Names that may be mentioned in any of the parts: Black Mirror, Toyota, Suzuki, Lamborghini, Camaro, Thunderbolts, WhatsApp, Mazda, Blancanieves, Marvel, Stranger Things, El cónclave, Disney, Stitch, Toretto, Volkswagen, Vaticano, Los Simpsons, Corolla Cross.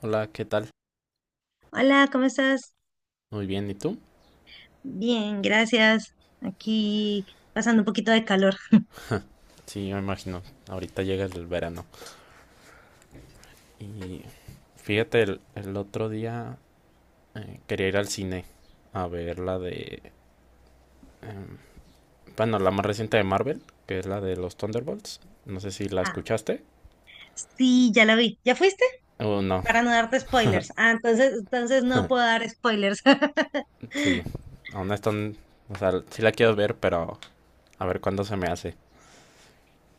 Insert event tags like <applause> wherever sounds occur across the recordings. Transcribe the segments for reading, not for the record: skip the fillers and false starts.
Hola, ¿qué tal? Hola, ¿cómo estás? Muy bien, ¿y tú? Bien, gracias. Aquí pasando un poquito de calor. Sí, me imagino. Ahorita llega el verano. Y fíjate, el otro día quería ir al cine a ver la de... em, bueno, la más reciente de Marvel, que es la de los Thunderbolts. No sé si la Ah, escuchaste. sí, ya la vi. ¿Ya fuiste? O no, Para no darte spoilers. Ah, entonces no puedo dar spoilers. sí. <laughs> Aún no están... O sea, sí la quiero ver, pero a ver cuándo se me hace.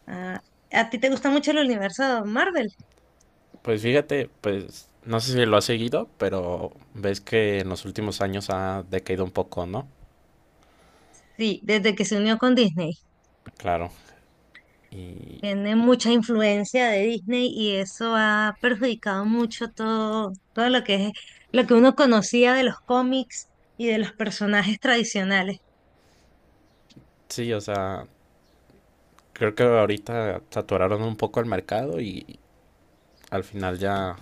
Ah, ¿a ti te gusta mucho el universo Marvel? Pues fíjate, pues no sé si lo has seguido, pero ves que en los últimos años ha decaído un poco, ¿no? Sí, desde que se unió con Disney. Claro. Y Tiene mucha influencia de Disney y eso ha perjudicado mucho todo lo que es, lo que uno conocía de los cómics y de los personajes tradicionales. sí, o sea, creo que ahorita saturaron un poco el mercado y al final ya,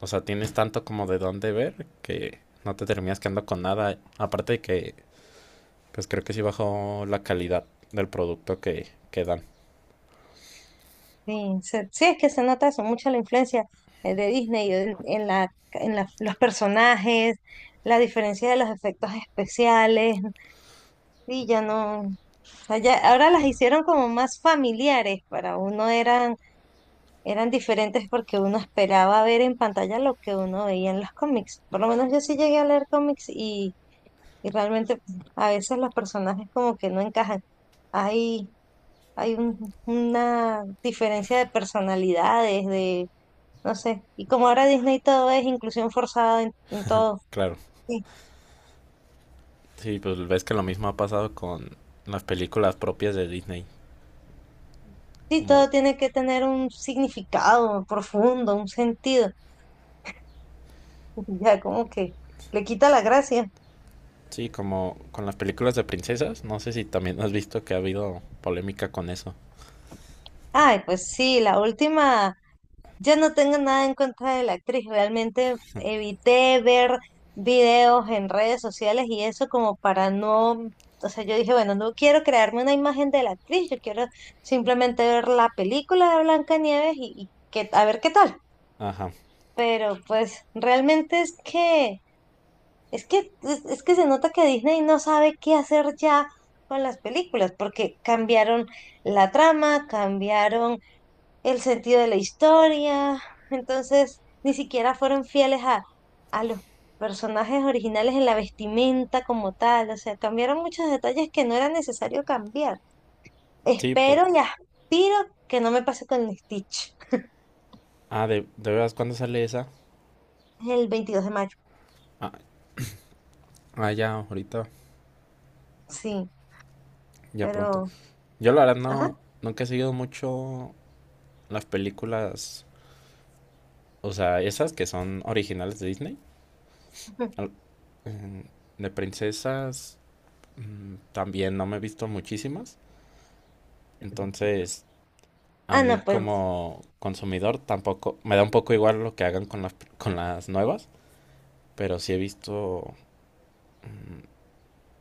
o sea, tienes tanto como de dónde ver que no te terminas quedando con nada. Aparte de que, pues creo que sí bajó la calidad del producto que dan. Sí, es que se nota eso, mucha la influencia de Disney en los personajes, la diferencia de los efectos especiales, sí, ya no, o sea, ahora las hicieron como más familiares, para uno eran diferentes porque uno esperaba ver en pantalla lo que uno veía en los cómics, por lo menos yo sí llegué a leer cómics y realmente, a veces los personajes como que no encajan, hay, hay una diferencia de personalidades, no sé. Y como ahora Disney todo es inclusión forzada en todo. Claro, Sí, sí, pues ves que lo mismo ha pasado con las películas propias de Disney. sí, Como, todo tiene que tener un significado profundo, un sentido. <laughs> Ya como que le quita la gracia. sí, como con las películas de princesas. No sé si también has visto que ha habido polémica con eso. Ay, pues sí, la última, ya no tengo nada en contra de la actriz. Realmente evité ver videos en redes sociales y eso, como para no, o sea, yo dije, bueno, no quiero crearme una imagen de la actriz, yo quiero simplemente ver la película de Blancanieves y que, a ver qué tal. Ajá, Pero pues realmente es que se nota que Disney no sabe qué hacer ya con las películas, porque cambiaron la trama, cambiaron el sentido de la historia, entonces ni siquiera fueron fieles a los personajes originales en la vestimenta como tal, o sea, cambiaron muchos detalles que no era necesario cambiar. sí, por... Espero y aspiro que no me pase con Stitch Ah, de veras, ¿cuándo sale esa? el 22 de mayo, Ah, ah, ya, ahorita. sí, Ya pronto. pero... Yo la verdad Ajá. no, nunca he seguido mucho las películas, o sea, esas que son originales de Disney, al- em, de princesas, también no me he visto muchísimas. Entonces, a Ah, mí no, pues como consumidor tampoco, me da un poco igual lo que hagan con las nuevas, pero sí he visto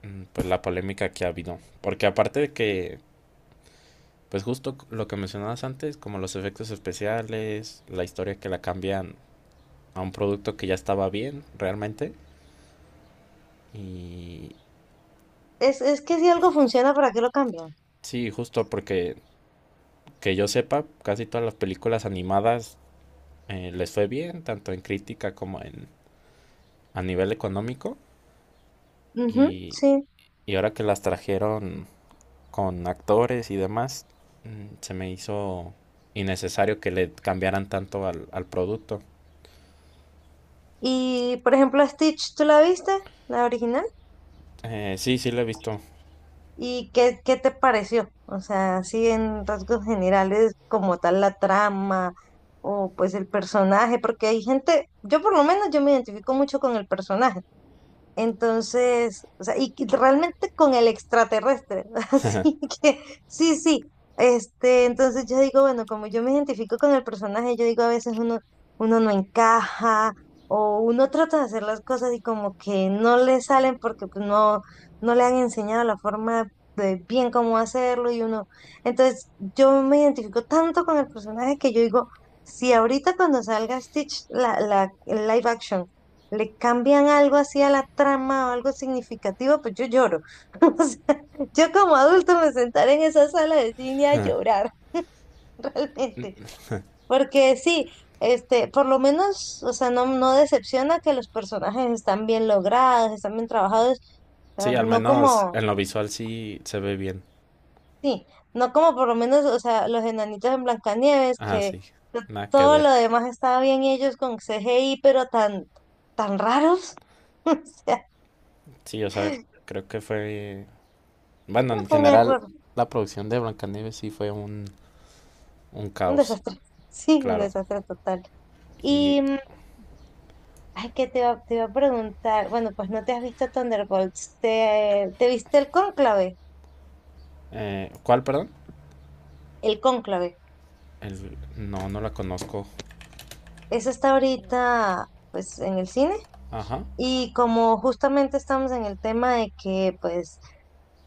mm, pues la polémica que ha habido. Porque aparte de que, pues justo lo que mencionabas antes, como los efectos especiales, la historia que la cambian a un producto que ya estaba bien realmente. Y es que si algo funciona, ¿para qué lo cambian? sí, justo porque que yo sepa, casi todas las películas animadas les fue bien, tanto en crítica como en a nivel económico. Ujú, Y, sí. y ahora que las trajeron con actores y demás, se me hizo innecesario que le cambiaran tanto al, al producto. Y por ejemplo, Stitch, ¿tú la viste? La original. Sí, sí lo he visto. ¿Y qué te pareció? O sea, así en rasgos generales, como tal la trama o pues el personaje, porque hay gente, yo por lo menos yo me identifico mucho con el personaje. Entonces, o sea, y que realmente con el extraterrestre. <laughs> Así que, sí, sí. Este, entonces yo digo, bueno, como yo me identifico con el personaje, yo digo, a veces uno no encaja, o uno trata de hacer las cosas y como que no le salen porque pues, no, no le han enseñado la forma de bien cómo hacerlo, y uno. Entonces, yo me identifico tanto con el personaje que yo digo, si ahorita cuando salga Stitch, la el live action le cambian algo así a la trama o algo significativo, pues yo lloro. <laughs> O sea, yo como adulto me sentaré en esa sala de cine a llorar, <laughs> realmente, porque sí, este, por lo menos, o sea, no, no decepciona, que los personajes están bien logrados, están bien trabajados, o sea, Sí, al no menos como, en lo visual sí se ve bien. sí, no como por lo menos, o sea, los enanitos en Blancanieves, Ah, que sí. to- Nada que todo ver. lo demás estaba bien y ellos con CGI, pero tan, tan raros. <laughs> O sea, Sí, o sea, creo que fue bueno, en fue un general, error. la producción de Blancanieves sí fue un Un caos, desastre. <laughs> Sí, un claro. desastre total. Y, Y, ay, que te iba a preguntar, bueno, pues no te has visto Thunderbolts, ¿te viste el cónclave? ¿Cuál, perdón? El cónclave. El- no, no la conozco. Eso está ahorita, pues, en el cine. Ajá, Y como justamente estamos en el tema de que, pues,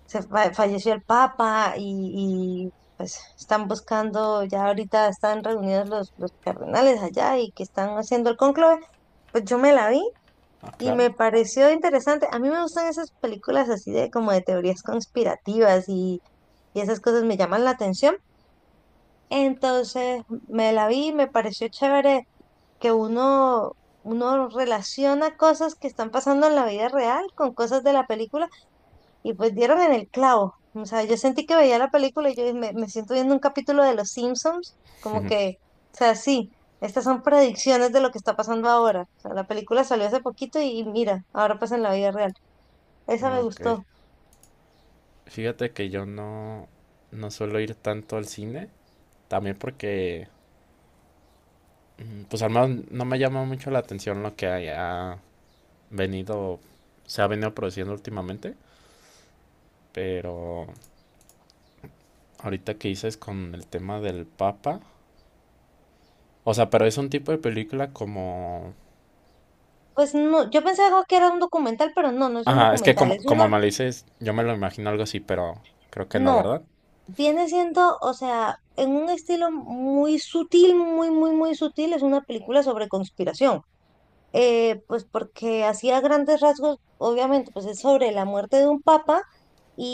falleció el Papa y, pues, están buscando, ya ahorita están reunidos los cardenales allá y que están haciendo el cónclave, pues yo me la vi. ah, Y claro. me pareció interesante. A mí me gustan esas películas así, de como de teorías conspirativas, y esas cosas me llaman la atención. Entonces me la vi y me pareció chévere, que uno relaciona cosas que están pasando en la vida real con cosas de la película, y pues dieron en el clavo. O sea, yo sentí que veía la película y yo me siento viendo un capítulo de Los Simpsons, como que, o sea, sí. Estas son predicciones de lo que está pasando ahora. O sea, la película salió hace poquito, y mira, ahora pasa en la vida real. Esa Ah, me ok. gustó. Fíjate que yo no, no suelo ir tanto al cine, también porque, pues al menos no me llama mucho la atención lo que haya venido, se ha venido produciendo últimamente, pero ahorita que dices con el tema del Papa, o sea, pero es un tipo de película como Pues no, yo pensaba que era un documental, pero no, no es un ajá, es que documental, como, es como una, me lo dices, yo me lo imagino algo así, pero creo que no, no, ¿verdad? viene siendo, o sea, en un estilo muy sutil, muy, muy, muy sutil, es una película sobre conspiración. Pues porque hacía grandes rasgos, obviamente, pues es sobre la muerte de un papa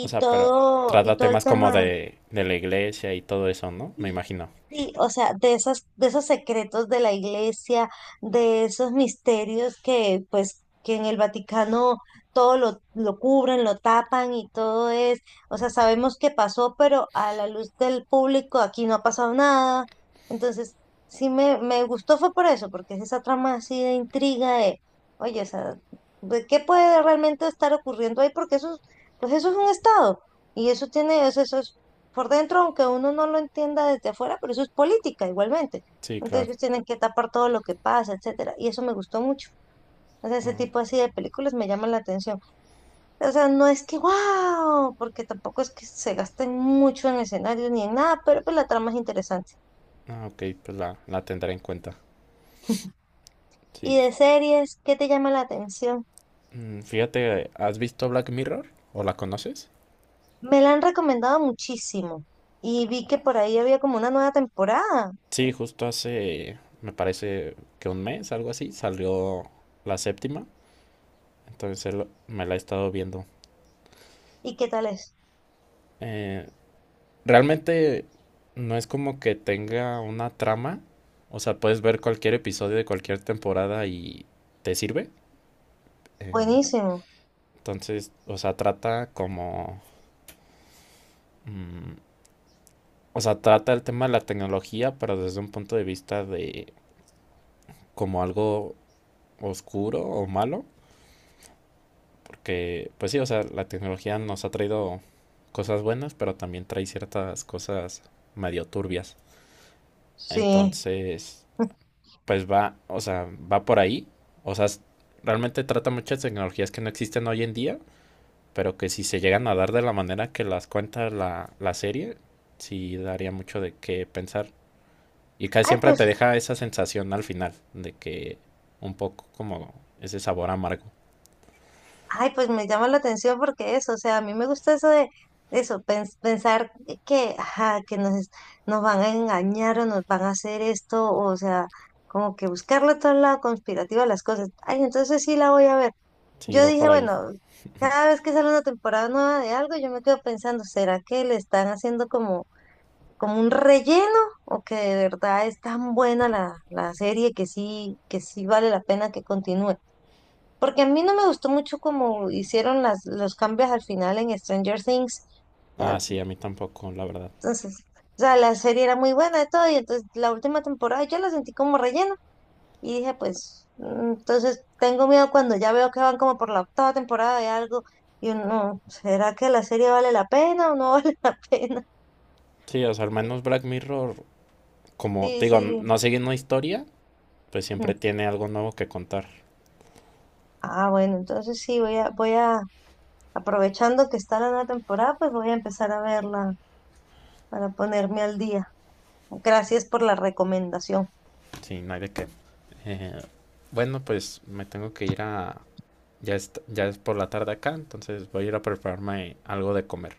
O sea, pero y trata todo el temas como tema. de la iglesia y todo eso, ¿no? Me Sí, imagino. sí, o sea, de esos, secretos de la iglesia, de esos misterios que, pues, que en el Vaticano todo lo cubren, lo tapan y todo es, o sea, sabemos que pasó, pero a la luz del público aquí no ha pasado nada. Entonces, sí me gustó fue por eso, porque es esa trama así de intriga de, oye, o sea, ¿de ¿qué puede realmente estar ocurriendo ahí? Porque eso, pues eso es un estado. Y eso tiene, eso por dentro, aunque uno no lo entienda desde afuera, pero eso es política igualmente. Sí, Entonces claro. ellos tienen que tapar todo lo que pasa, etcétera. Y eso me gustó mucho. O sea, ese Ah, tipo así de películas me llaman la atención. O sea, no es que wow, porque tampoco es que se gasten mucho en escenarios ni en nada, pero pues la trama es interesante. ah, ok, pues la tendré en cuenta. <laughs> Y Sí. de series, ¿qué te llama la atención? Mm, fíjate, ¿has visto Black Mirror? ¿O la conoces? Me la han recomendado muchísimo y vi que por ahí había como una nueva temporada. Sí, justo hace, me parece que un mes, algo así, salió la séptima. Entonces él- me la he estado viendo. ¿Y qué tal es? Eh, Realmente no es como que tenga una trama. O sea, puedes ver cualquier episodio de cualquier temporada y te sirve. Eh, Buenísimo. entonces, o sea, trata como... mm, o sea, trata el tema de la tecnología, pero desde un punto de vista de como algo oscuro o malo. Porque, pues sí, o sea, la tecnología nos ha traído cosas buenas, pero también trae ciertas cosas medio turbias. Sí. Entonces, pues va, o sea, va por ahí. O sea, es- realmente trata muchas tecnologías que no existen hoy en día, pero que si se llegan a dar de la manera que las cuenta la serie, sí daría mucho de qué pensar. Y casi Ay, siempre te pues deja esa sensación al final, de que un poco como ese sabor amargo. Ay, pues me llama la atención porque eso, o sea, a mí me gusta eso de pensar que, ajá, que nos van a engañar o nos van a hacer esto, o sea, como que buscarle todo el lado conspirativo a las cosas. Ay, entonces sí la voy a ver. Sí, Yo va dije, por ahí. bueno, cada vez que sale una temporada nueva de algo, yo me quedo pensando, ¿será que le están haciendo como un relleno? ¿O que de verdad es tan buena la serie, que sí vale la pena que continúe? Porque a mí no me gustó mucho como hicieron los cambios al final en Stranger Things. O Ah, sea, sí, a mí tampoco, la verdad. entonces, o sea, la serie era muy buena de todo y entonces la última temporada yo la sentí como relleno y dije, pues, entonces tengo miedo cuando ya veo que van como por la octava temporada de algo, y uno, ¿será que la serie vale la pena o no <laughs> vale la pena? Sí, o sea, al menos Black Mirror, como Sí, te digo, sí. no sigue una historia, pues siempre Ujú. tiene algo nuevo que contar. Ah, bueno, entonces sí, aprovechando que está la nueva temporada, pues voy a empezar a verla para ponerme al día. Gracias por la recomendación. Sí, no hay de qué. Eh, bueno, pues me tengo que ir a... ya es por la tarde acá, entonces voy a ir a prepararme algo de comer.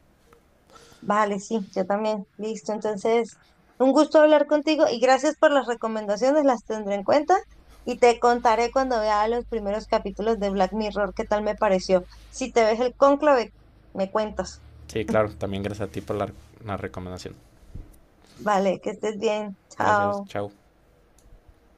Vale, sí, yo también. Listo, entonces, un gusto hablar contigo y gracias por las recomendaciones, las tendré en cuenta y te contaré cuando vea los primeros capítulos de Black Mirror qué tal me pareció. Si te ves el cónclave, me cuentas. Sí, claro, también gracias a ti por la recomendación. Vale, que estés bien. Gracias, Chao. chao.